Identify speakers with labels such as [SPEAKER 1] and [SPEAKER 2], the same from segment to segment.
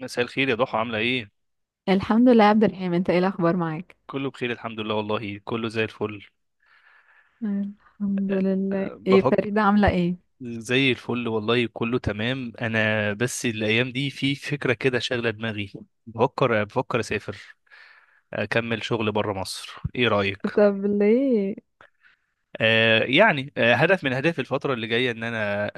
[SPEAKER 1] مساء الخير يا ضحى، عاملة ايه؟
[SPEAKER 2] الحمد لله يا عبد الرحيم، انت ايه الاخبار معاك؟
[SPEAKER 1] كله بخير الحمد لله، والله كله زي الفل.
[SPEAKER 2] الحمد
[SPEAKER 1] أه،
[SPEAKER 2] لله.
[SPEAKER 1] أه،
[SPEAKER 2] ايه
[SPEAKER 1] بفكر.
[SPEAKER 2] فريدة عاملة ايه؟
[SPEAKER 1] زي الفل والله، كله تمام. انا بس الايام دي في فكرة كده شاغلة دماغي. بفكر اسافر، اكمل شغل بره مصر، ايه رأيك؟
[SPEAKER 2] طب ليه؟
[SPEAKER 1] يعني، هدف من اهدافي الفتره اللي جايه ان انا آه،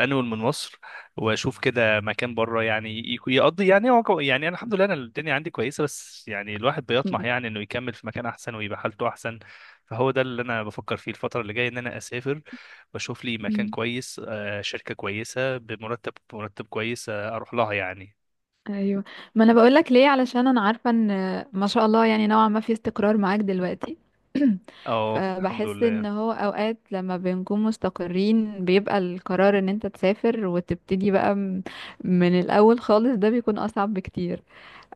[SPEAKER 1] آه، انول من مصر، واشوف كده مكان بره. يعني يقضي، يعني يعني انا الحمد لله، انا الدنيا عندي كويسه، بس يعني الواحد بيطمح
[SPEAKER 2] م-
[SPEAKER 1] يعني انه يكمل في مكان احسن ويبقى حالته احسن. فهو ده اللي انا بفكر فيه الفتره اللي جايه، ان انا اسافر واشوف لي مكان
[SPEAKER 2] م-
[SPEAKER 1] كويس، شركه كويسه بمرتب مرتب كويس، اروح لها يعني.
[SPEAKER 2] ايوه، ما انا بقول لك ليه، علشان انا عارفة ان ما شاء الله يعني نوعا ما في استقرار معاك دلوقتي.
[SPEAKER 1] اه الحمد
[SPEAKER 2] فبحس ان
[SPEAKER 1] لله.
[SPEAKER 2] هو اوقات لما بنكون مستقرين بيبقى القرار ان انت تسافر وتبتدي بقى من الاول خالص، ده بيكون اصعب بكتير.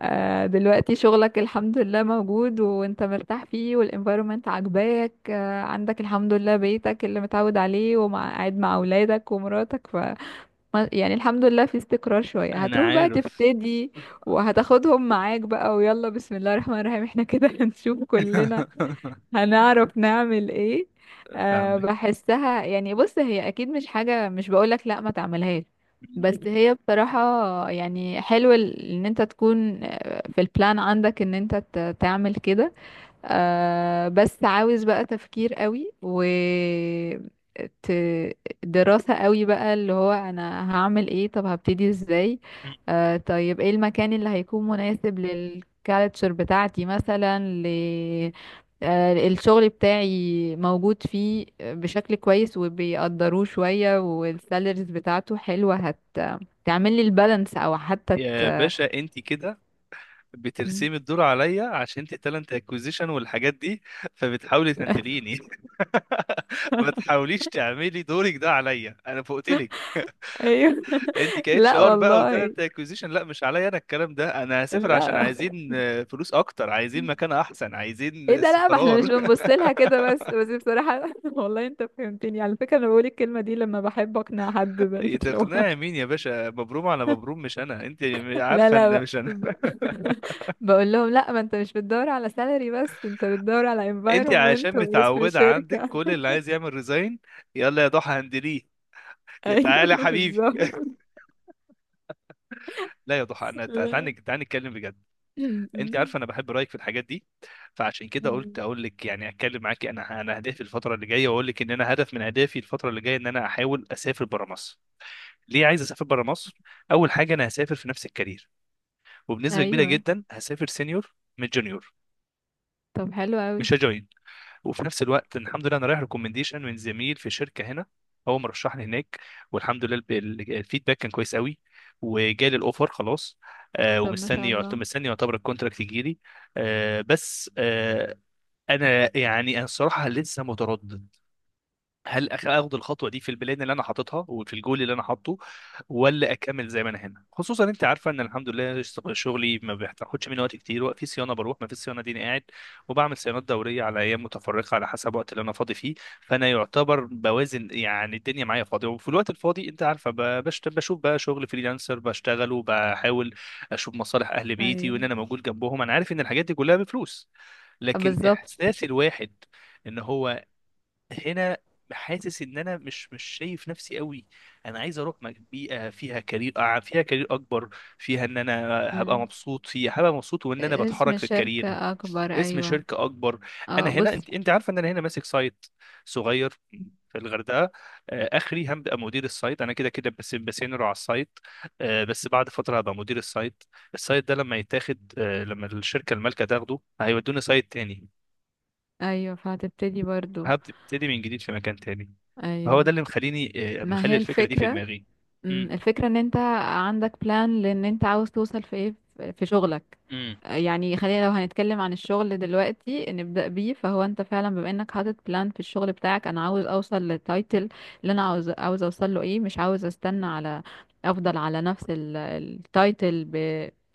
[SPEAKER 2] دلوقتي شغلك الحمد لله موجود وانت مرتاح فيه والانفايرومنت عاجباك، عندك الحمد لله بيتك اللي متعود عليه ومع قاعد مع اولادك ومراتك ف يعني الحمد لله في استقرار شوية،
[SPEAKER 1] انا
[SPEAKER 2] هتروح بقى
[SPEAKER 1] عارف.
[SPEAKER 2] تبتدي وهتاخدهم معاك بقى، ويلا بسم الله الرحمن الرحيم احنا كده هنشوف كلنا هنعرف نعمل ايه.
[SPEAKER 1] فاهمك.
[SPEAKER 2] بحسها يعني، بص هي اكيد مش حاجة، مش بقولك لا ما تعملهاش، بس هي بصراحة يعني حلو ان انت تكون في البلان عندك ان انت تعمل كده. بس عاوز بقى تفكير قوي و ت- دراسة قوي بقى، اللي هو انا هعمل ايه؟ طب هبتدي ازاي؟ طيب ايه المكان اللي هيكون مناسب للكالتشر بتاعتي مثلا ل الشغل بتاعي موجود فيه بشكل كويس وبيقدروه شوية، والسالاريز بتاعته حلوة، هت تعمل لي البالانس او حتى ت...
[SPEAKER 1] يا باشا انت كده بترسمي الدور عليا، عشان انت تالنت اكوزيشن والحاجات دي، فبتحاولي تهندليني. ما تحاوليش تعملي دورك ده عليا، انا فوقتلك.
[SPEAKER 2] ايوه
[SPEAKER 1] انت كاتش
[SPEAKER 2] لا
[SPEAKER 1] ار بقى
[SPEAKER 2] والله،
[SPEAKER 1] وتالنت اكوزيشن، لا مش عليا انا الكلام ده. انا هسافر عشان
[SPEAKER 2] لا،
[SPEAKER 1] عايزين فلوس اكتر، عايزين
[SPEAKER 2] ايه
[SPEAKER 1] مكان احسن، عايزين
[SPEAKER 2] ده؟ لا، ما احنا مش
[SPEAKER 1] استقرار.
[SPEAKER 2] بنبص لها كده، بس بصراحة والله انت فهمتني على فكرة، انا بقول الكلمة دي لما بحب اقنع حد بالشغل.
[SPEAKER 1] تقنعي مين يا باشا؟ مبروم على مبروم، مش انا انت.
[SPEAKER 2] لا
[SPEAKER 1] عارفه
[SPEAKER 2] لا،
[SPEAKER 1] ان
[SPEAKER 2] ب...
[SPEAKER 1] مش انا.
[SPEAKER 2] ب... بقول لهم لا، ما انت مش بتدور على سالري، بس انت بتدور على
[SPEAKER 1] انت
[SPEAKER 2] environment
[SPEAKER 1] عشان
[SPEAKER 2] واسم
[SPEAKER 1] متعوده عندك
[SPEAKER 2] شركة.
[SPEAKER 1] كل اللي عايز يعمل ريزاين: يلا يا ضحى هندليه. يا
[SPEAKER 2] ايوه
[SPEAKER 1] تعالى يا حبيبي،
[SPEAKER 2] بالظبط.
[SPEAKER 1] لا يا ضحى، انا تعالى
[SPEAKER 2] لا.
[SPEAKER 1] تعالى نتكلم بجد. انت عارفه انا بحب رايك في الحاجات دي، فعشان كده قلت اقول لك، يعني اتكلم معاكي. انا اهدافي الفتره اللي جايه، واقول لك ان انا هدف من اهدافي الفتره اللي جايه ان انا احاول اسافر بره مصر. ليه عايز اسافر بره مصر؟ اول حاجه، انا هسافر في نفس الكارير، وبنسبه كبيره
[SPEAKER 2] ايوه،
[SPEAKER 1] جدا هسافر سينيور من جونيور،
[SPEAKER 2] طب حلو قوي.
[SPEAKER 1] مش هجوين. وفي نفس الوقت الحمد لله انا رايح ريكومنديشن من زميل في شركه هنا، هو مرشحني هناك، والحمد لله الفيدباك كان كويس قوي، وجالي الاوفر خلاص. آه،
[SPEAKER 2] طب ما شاء
[SPEAKER 1] ومستني
[SPEAKER 2] الله.
[SPEAKER 1] مستني يعتبر الكونتراكت يجي لي. آه بس آه انا يعني انا الصراحه لسه متردد، هل اخد الخطوه دي في البلان اللي انا حاططها وفي الجول اللي انا حاطه، ولا اكمل زي ما انا هنا. خصوصا انت عارفه ان الحمد لله شغلي ما بياخدش مني وقت كتير. وقت في صيانه بروح، ما في صيانه دي أنا قاعد، وبعمل صيانات دوريه على ايام متفرقه على حسب الوقت اللي انا فاضي فيه. فانا يعتبر بوازن، يعني الدنيا معايا فاضيه، وفي الوقت الفاضي انت عارفه بشوف بقى شغل فريلانسر بشتغله، بحاول اشوف مصالح اهل بيتي وان
[SPEAKER 2] ايوه
[SPEAKER 1] انا موجود جنبهم. انا عارف ان الحاجات دي كلها بفلوس، لكن
[SPEAKER 2] بالظبط.
[SPEAKER 1] احساس الواحد ان هو هنا حاسس ان انا مش شايف نفسي قوي. انا عايز اروح بيئه فيها كارير، فيها كارير اكبر، فيها ان انا هبقى
[SPEAKER 2] مم.
[SPEAKER 1] مبسوط فيها، هبقى مبسوط، وان انا
[SPEAKER 2] اسم
[SPEAKER 1] بتحرك في الكارير.
[SPEAKER 2] الشركة اكبر،
[SPEAKER 1] اسم
[SPEAKER 2] ايوه.
[SPEAKER 1] شركه اكبر. انا
[SPEAKER 2] اه
[SPEAKER 1] هنا،
[SPEAKER 2] بص.
[SPEAKER 1] انت عارفه ان انا هنا ماسك سايت صغير في الغردقه. اخري هبقى مدير السايت. انا كده كده بس بسينر على السايت، بس بعد فتره هبقى مدير السايت. السايت ده لما يتاخد، لما الشركه المالكه تاخده، هيودوني سايت تاني،
[SPEAKER 2] ايوه فهتبتدي برضو.
[SPEAKER 1] هبتدي من جديد في مكان تاني. هو
[SPEAKER 2] ايوه.
[SPEAKER 1] ده اللي مخليني،
[SPEAKER 2] ما
[SPEAKER 1] مخلي
[SPEAKER 2] هي
[SPEAKER 1] الفكرة دي في
[SPEAKER 2] الفكرة.
[SPEAKER 1] دماغي. امم
[SPEAKER 2] الفكرة ان انت عندك بلان، لان انت عاوز توصل في ايه، في شغلك.
[SPEAKER 1] امم
[SPEAKER 2] يعني خلينا لو هنتكلم عن الشغل دلوقتي نبدأ بيه، فهو انت فعلا بما انك حاطط بلان في الشغل بتاعك، انا عاوز اوصل للتايتل اللي انا عاوز اوصل له، ايه مش عاوز استنى على افضل على نفس التايتل ب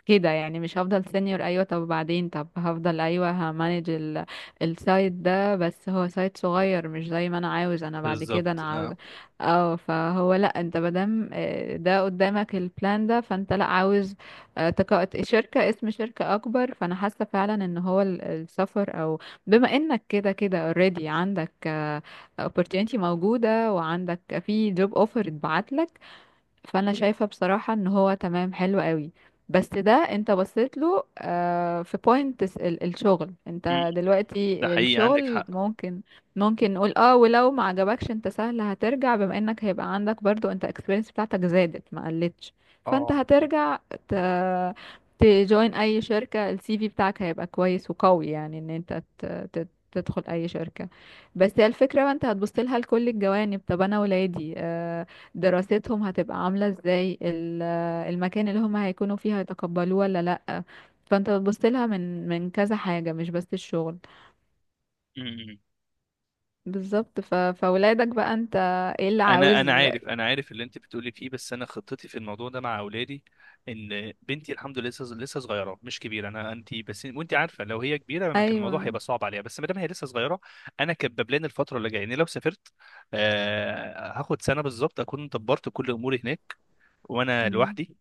[SPEAKER 2] كده، يعني مش هفضل سينيور، ايوه طب بعدين، طب هفضل ايوه همانج السايت ده، بس هو سايت صغير مش زي ما انا عاوز. انا بعد كده
[SPEAKER 1] بالظبط
[SPEAKER 2] انا عاوز
[SPEAKER 1] اه.
[SPEAKER 2] اه فهو لا، انت مادام ده قدامك البلان ده، فانت لا عاوز شركة، اسم شركة أكبر، فأنا حاسة فعلا إن هو السفر أو، بما إنك كده كده already عندك opportunity موجودة، وعندك في job offer اتبعت، فانا شايفة بصراحة ان هو تمام حلو قوي. بس ده انت بصيت له في بوينت الشغل،
[SPEAKER 1] مم.
[SPEAKER 2] انت
[SPEAKER 1] ده
[SPEAKER 2] دلوقتي
[SPEAKER 1] حقيقي، عندك
[SPEAKER 2] الشغل
[SPEAKER 1] حق.
[SPEAKER 2] ممكن نقول اه، ولو ما عجبكش انت سهل هترجع، بما انك هيبقى عندك برضو انت اكسبيرينس بتاعتك زادت ما قلتش. فانت
[SPEAKER 1] اه.
[SPEAKER 2] هترجع ت... تجوين اي شركة، السي في بتاعك هيبقى كويس وقوي، يعني ان انت تدخل اي شركة. بس هي الفكرة بقى، انت هتبص لها لكل الجوانب، طب انا ولادي دراستهم هتبقى عاملة ازاي، المكان اللي هم هيكونوا فيه هيتقبلوه ولا لأ؟ فانت بتبص لها من كذا حاجة، مش بس الشغل.
[SPEAKER 1] امم
[SPEAKER 2] بالظبط ف... فولادك بقى انت ايه اللي
[SPEAKER 1] انا
[SPEAKER 2] عاوز؟
[SPEAKER 1] انا عارف، انا عارف اللي انت بتقولي فيه، بس انا خطتي في الموضوع ده مع اولادي ان بنتي الحمد لله لسه صغيره مش كبيره. انا انت بس وانت عارفه لو هي كبيره ما كان الموضوع هيبقى
[SPEAKER 2] ايوه.
[SPEAKER 1] صعب عليها، بس ما دام هي لسه صغيره، انا كباب لنا الفتره اللي جايه. يعني لو سافرت، آه، هاخد سنه بالظبط اكون دبرت كل اموري هناك، وانا
[SPEAKER 2] مم.
[SPEAKER 1] لوحدي.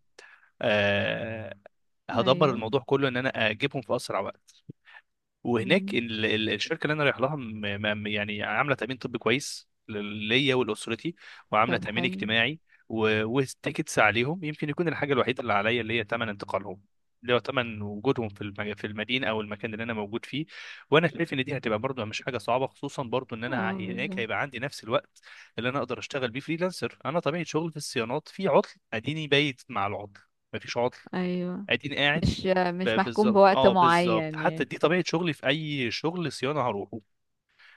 [SPEAKER 1] آه، هدبر
[SPEAKER 2] ايوه.
[SPEAKER 1] الموضوع كله ان انا اجيبهم في اسرع وقت. وهناك
[SPEAKER 2] مم.
[SPEAKER 1] الشركه اللي انا رايح لها يعني عامله تامين طبي كويس ليا ولاسرتي، وعامله
[SPEAKER 2] طب
[SPEAKER 1] تامين
[SPEAKER 2] حلو.
[SPEAKER 1] اجتماعي، والتيكتس عليهم. يمكن يكون الحاجه الوحيده اللي عليا اللي هي ثمن انتقالهم، اللي هو ثمن وجودهم في في المدينه او المكان اللي انا موجود فيه. وانا شايف ان دي هتبقى برضو مش حاجه صعبه، خصوصا برضو ان انا
[SPEAKER 2] اه
[SPEAKER 1] هناك
[SPEAKER 2] بالظبط.
[SPEAKER 1] هيبقى عندي نفس الوقت اللي انا اقدر اشتغل بيه فريلانسر. انا طبيعه شغل في الصيانات، في عطل اديني بايت مع العطل، مفيش عطل
[SPEAKER 2] ايوه،
[SPEAKER 1] اديني قاعد.
[SPEAKER 2] مش مش محكوم
[SPEAKER 1] بالظبط
[SPEAKER 2] بوقت
[SPEAKER 1] اه، بالظبط.
[SPEAKER 2] معين
[SPEAKER 1] حتى
[SPEAKER 2] يعني.
[SPEAKER 1] دي طبيعه شغلي، في اي شغل صيانه هروحه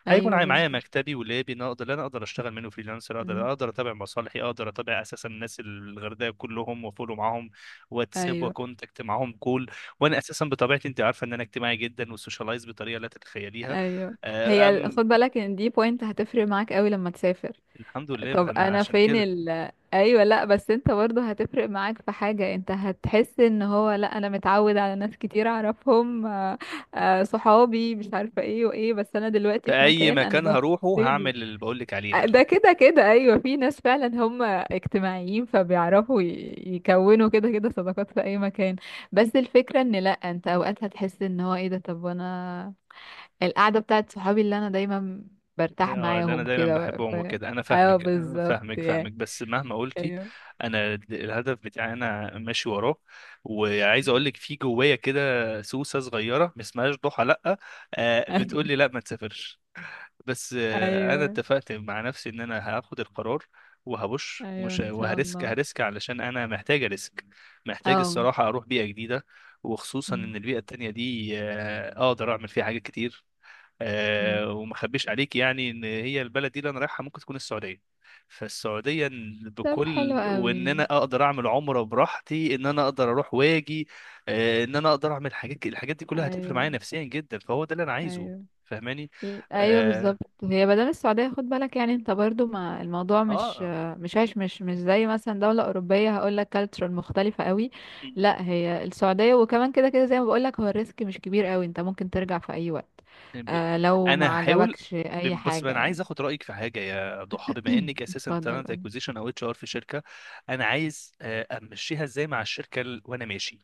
[SPEAKER 1] هيكون
[SPEAKER 2] ايوه
[SPEAKER 1] معايا
[SPEAKER 2] بالظبط.
[SPEAKER 1] مكتبي ولابي. انا اقدر اشتغل منه فريلانسر، اقدر
[SPEAKER 2] مم.
[SPEAKER 1] اتابع مصالحي، اقدر اتابع اساسا الناس الغردقه كلهم، وافولو معاهم واتساب
[SPEAKER 2] ايوه.
[SPEAKER 1] وكونتاكت معاهم كول. وانا اساسا بطبيعتي انت عارفه ان انا اجتماعي جدا، وسوشيالايز بطريقه لا تتخيليها.
[SPEAKER 2] ايوه.
[SPEAKER 1] آه،
[SPEAKER 2] هي
[SPEAKER 1] ام
[SPEAKER 2] خد بالك ان دي بوينت هتفرق معاك قوي لما تسافر.
[SPEAKER 1] الحمد لله،
[SPEAKER 2] طب
[SPEAKER 1] فانا
[SPEAKER 2] انا
[SPEAKER 1] عشان
[SPEAKER 2] فين
[SPEAKER 1] كده
[SPEAKER 2] ال ايوه، لا بس انت برضه هتفرق معاك في حاجة، انت هتحس ان هو لا انا متعود على ناس كتير اعرفهم صحابي مش عارفة ايه وايه، بس انا دلوقتي
[SPEAKER 1] في
[SPEAKER 2] في
[SPEAKER 1] اي
[SPEAKER 2] مكان انا
[SPEAKER 1] مكان هروحه
[SPEAKER 2] ببتدي
[SPEAKER 1] هعمل اللي بقول لك عليه ده.
[SPEAKER 2] ده كده كده ايوه، في ناس فعلا هم اجتماعيين فبيعرفوا يكونوا كده كده صداقات في اي مكان. بس الفكرة ان لا انت اوقات هتحس ان هو ايه ده، طب وانا القعدة بتاعت صحابي اللي انا دايما برتاح
[SPEAKER 1] اه، اللي انا
[SPEAKER 2] معاهم
[SPEAKER 1] دايما
[SPEAKER 2] كده ف...
[SPEAKER 1] بحبهم وكده، انا
[SPEAKER 2] ايوه
[SPEAKER 1] فاهمك، أنا
[SPEAKER 2] بالظبط
[SPEAKER 1] فاهمك
[SPEAKER 2] يعني.
[SPEAKER 1] فاهمك بس مهما قلتي،
[SPEAKER 2] ايوه
[SPEAKER 1] انا الهدف بتاعي انا ماشي وراه. وعايز اقول لك في جوايا كده سوسه صغيره، ما اسمهاش ضحى لا، بتقول لي لا ما تسافرش، بس انا
[SPEAKER 2] ايوه.
[SPEAKER 1] اتفقت مع نفسي ان انا هاخد القرار وهبش
[SPEAKER 2] ايوه
[SPEAKER 1] ومش
[SPEAKER 2] ان شاء
[SPEAKER 1] وهرسك
[SPEAKER 2] الله.
[SPEAKER 1] هرسك، علشان انا محتاج ريسك، محتاج
[SPEAKER 2] اه
[SPEAKER 1] الصراحه اروح بيئه جديده. وخصوصا ان
[SPEAKER 2] م-
[SPEAKER 1] البيئه التانية دي اقدر اعمل فيها حاجات كتير.
[SPEAKER 2] م.
[SPEAKER 1] وما اخبيش عليك يعني ان هي البلد دي اللي انا رايحها ممكن تكون السعوديه. فالسعوديه إن
[SPEAKER 2] طب حلو
[SPEAKER 1] بكل،
[SPEAKER 2] قوي.
[SPEAKER 1] وان انا اقدر اعمل عمره براحتي، ان انا اقدر اروح واجي، ان انا اقدر اعمل حاجات، الحاجات دي كلها هتفرق
[SPEAKER 2] ايوه.
[SPEAKER 1] معايا نفسيا جدا، فهو ده اللي انا عايزه.
[SPEAKER 2] ايوه.
[SPEAKER 1] فاهماني؟
[SPEAKER 2] ايوه
[SPEAKER 1] اه,
[SPEAKER 2] بالظبط. هي بدل السعوديه، خد بالك يعني انت برضو ما الموضوع مش
[SPEAKER 1] آه.
[SPEAKER 2] مش عايش، مش زي مثلا دوله اوروبيه هقول لك كالتشر مختلفه قوي. لا هي السعوديه، وكمان كده كده زي ما بقول لك، هو الريسك مش كبير قوي، انت ممكن ترجع في اي وقت
[SPEAKER 1] ب-
[SPEAKER 2] لو
[SPEAKER 1] انا
[SPEAKER 2] ما
[SPEAKER 1] هحاول.
[SPEAKER 2] عجبكش اي
[SPEAKER 1] بس
[SPEAKER 2] حاجه
[SPEAKER 1] انا عايز
[SPEAKER 2] يعني.
[SPEAKER 1] اخد رايك في حاجه يا ضحى، بما انك اساسا
[SPEAKER 2] اتفضل
[SPEAKER 1] تالنت
[SPEAKER 2] قولي.
[SPEAKER 1] اكوزيشن او اتش ار في شركه. انا عايز امشيها ازاي مع الشركه وانا ماشي.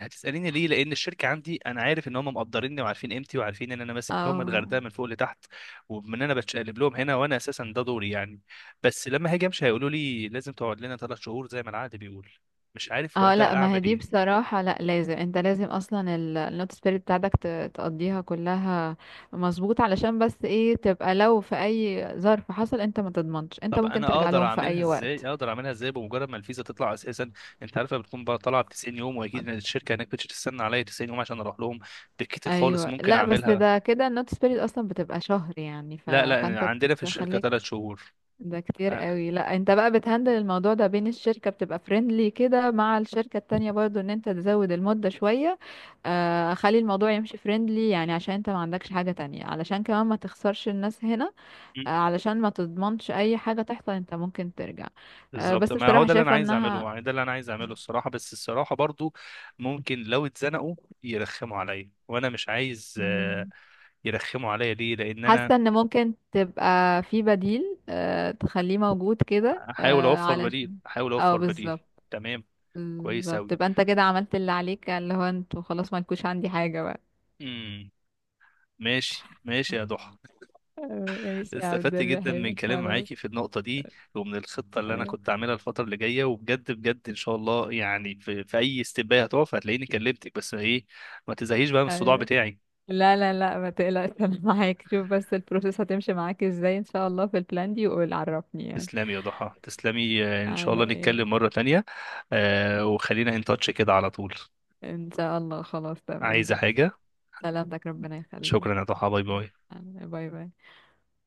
[SPEAKER 1] هتسأليني ليه؟ لأن الشركة عندي، أنا عارف إن هم مقدريني وعارفين قيمتي وعارفين إن أنا ماسك لهم
[SPEAKER 2] اه
[SPEAKER 1] الغردقة من فوق لتحت، وإن أنا بتشقلب لهم هنا، وأنا أساسا ده دوري يعني. بس لما هاجي أمشي هيقولوا لي لازم تقعد لنا 3 شهور زي ما العقد بيقول. مش عارف
[SPEAKER 2] اه،
[SPEAKER 1] وقتها
[SPEAKER 2] لا، ما هي
[SPEAKER 1] أعمل
[SPEAKER 2] دي
[SPEAKER 1] إيه.
[SPEAKER 2] بصراحة، لا لازم انت، لازم اصلا النوت سبيريت بتاعتك تقضيها كلها. مظبوط، علشان بس ايه، تبقى لو في اي ظرف حصل انت ما تضمنش، انت
[SPEAKER 1] طب
[SPEAKER 2] ممكن
[SPEAKER 1] أنا
[SPEAKER 2] ترجع
[SPEAKER 1] أقدر
[SPEAKER 2] لهم في
[SPEAKER 1] أعملها
[SPEAKER 2] اي
[SPEAKER 1] إزاي؟
[SPEAKER 2] وقت.
[SPEAKER 1] أقدر أعملها إزاي بمجرد ما الفيزا تطلع أساسا. أنت عارفة بتكون بقى طالعة ب 90 يوم، وأكيد إن الشركة هناك مش هتستنى عليا 90 يوم عشان أروح لهم. بالكتير خالص
[SPEAKER 2] ايوه
[SPEAKER 1] ممكن
[SPEAKER 2] لا، بس
[SPEAKER 1] أعملها.
[SPEAKER 2] ده كده النوت سبيريت اصلا بتبقى شهر يعني، ف...
[SPEAKER 1] لا لا،
[SPEAKER 2] فانت
[SPEAKER 1] عندنا في الشركة
[SPEAKER 2] تخليك
[SPEAKER 1] 3 شهور.
[SPEAKER 2] ده كتير قوي. لا انت بقى بتهندل الموضوع ده بين الشركة، بتبقى فريندلي كده مع الشركة التانية برضو، ان انت تزود المدة شوية، خلي الموضوع يمشي فريندلي يعني، عشان انت ما عندكش حاجة تانية، علشان كمان ما تخسرش الناس هنا، علشان ما تضمنش اي حاجة تحصل، انت ممكن ترجع. آه
[SPEAKER 1] بالظبط،
[SPEAKER 2] بس
[SPEAKER 1] ما هو
[SPEAKER 2] بصراحة
[SPEAKER 1] ده اللي انا
[SPEAKER 2] شايفة
[SPEAKER 1] عايز
[SPEAKER 2] انها
[SPEAKER 1] اعمله يعني، ده اللي انا عايز اعمله الصراحه. بس الصراحه برضو ممكن لو اتزنقوا يرخموا عليا، وانا مش عايز
[SPEAKER 2] مم.
[SPEAKER 1] يرخموا عليا. ليه؟ لان انا
[SPEAKER 2] حاسة ان ممكن تبقى في بديل، تخليه موجود كده
[SPEAKER 1] احاول اوفر بديل،
[SPEAKER 2] علشان
[SPEAKER 1] احاول
[SPEAKER 2] اه
[SPEAKER 1] اوفر بديل.
[SPEAKER 2] بالظبط.
[SPEAKER 1] تمام. كويس
[SPEAKER 2] بالظبط،
[SPEAKER 1] اوي.
[SPEAKER 2] تبقى انت كده عملت اللي عليك، اللي هو انتوا خلاص ما لكوش عندي حاجة بقى.
[SPEAKER 1] امم ماشي ماشي يا ضحى.
[SPEAKER 2] آه، ماشي يا عبد
[SPEAKER 1] استفدت جدا من
[SPEAKER 2] الرحيم
[SPEAKER 1] كلام
[SPEAKER 2] خلاص.
[SPEAKER 1] معاكي في النقطه دي، ومن الخطه اللي انا
[SPEAKER 2] ايوه.
[SPEAKER 1] كنت اعملها الفتره اللي جايه. وبجد بجد، ان شاء الله يعني في، في اي استباية هتقف هتلاقيني كلمتك، بس ايه، ما تزهقيش بقى من الصداع
[SPEAKER 2] أيوة.
[SPEAKER 1] بتاعي.
[SPEAKER 2] لا لا لا، ما تقلقش انا معاك، شوف بس البروسيس هتمشي معاك ازاي ان شاء الله في البلان دي وقول عرفني يعني.
[SPEAKER 1] تسلمي يا ضحى، تسلمي. ان شاء
[SPEAKER 2] على
[SPEAKER 1] الله
[SPEAKER 2] ايه؟
[SPEAKER 1] نتكلم مرة تانية، وخلينا ان تاتش كده على طول.
[SPEAKER 2] ان شاء الله، خلاص تمام
[SPEAKER 1] عايزة
[SPEAKER 2] ماشي.
[SPEAKER 1] حاجة؟
[SPEAKER 2] سلامتك ربنا يخليك.
[SPEAKER 1] شكرا يا ضحى، باي باي.
[SPEAKER 2] يلا، باي باي.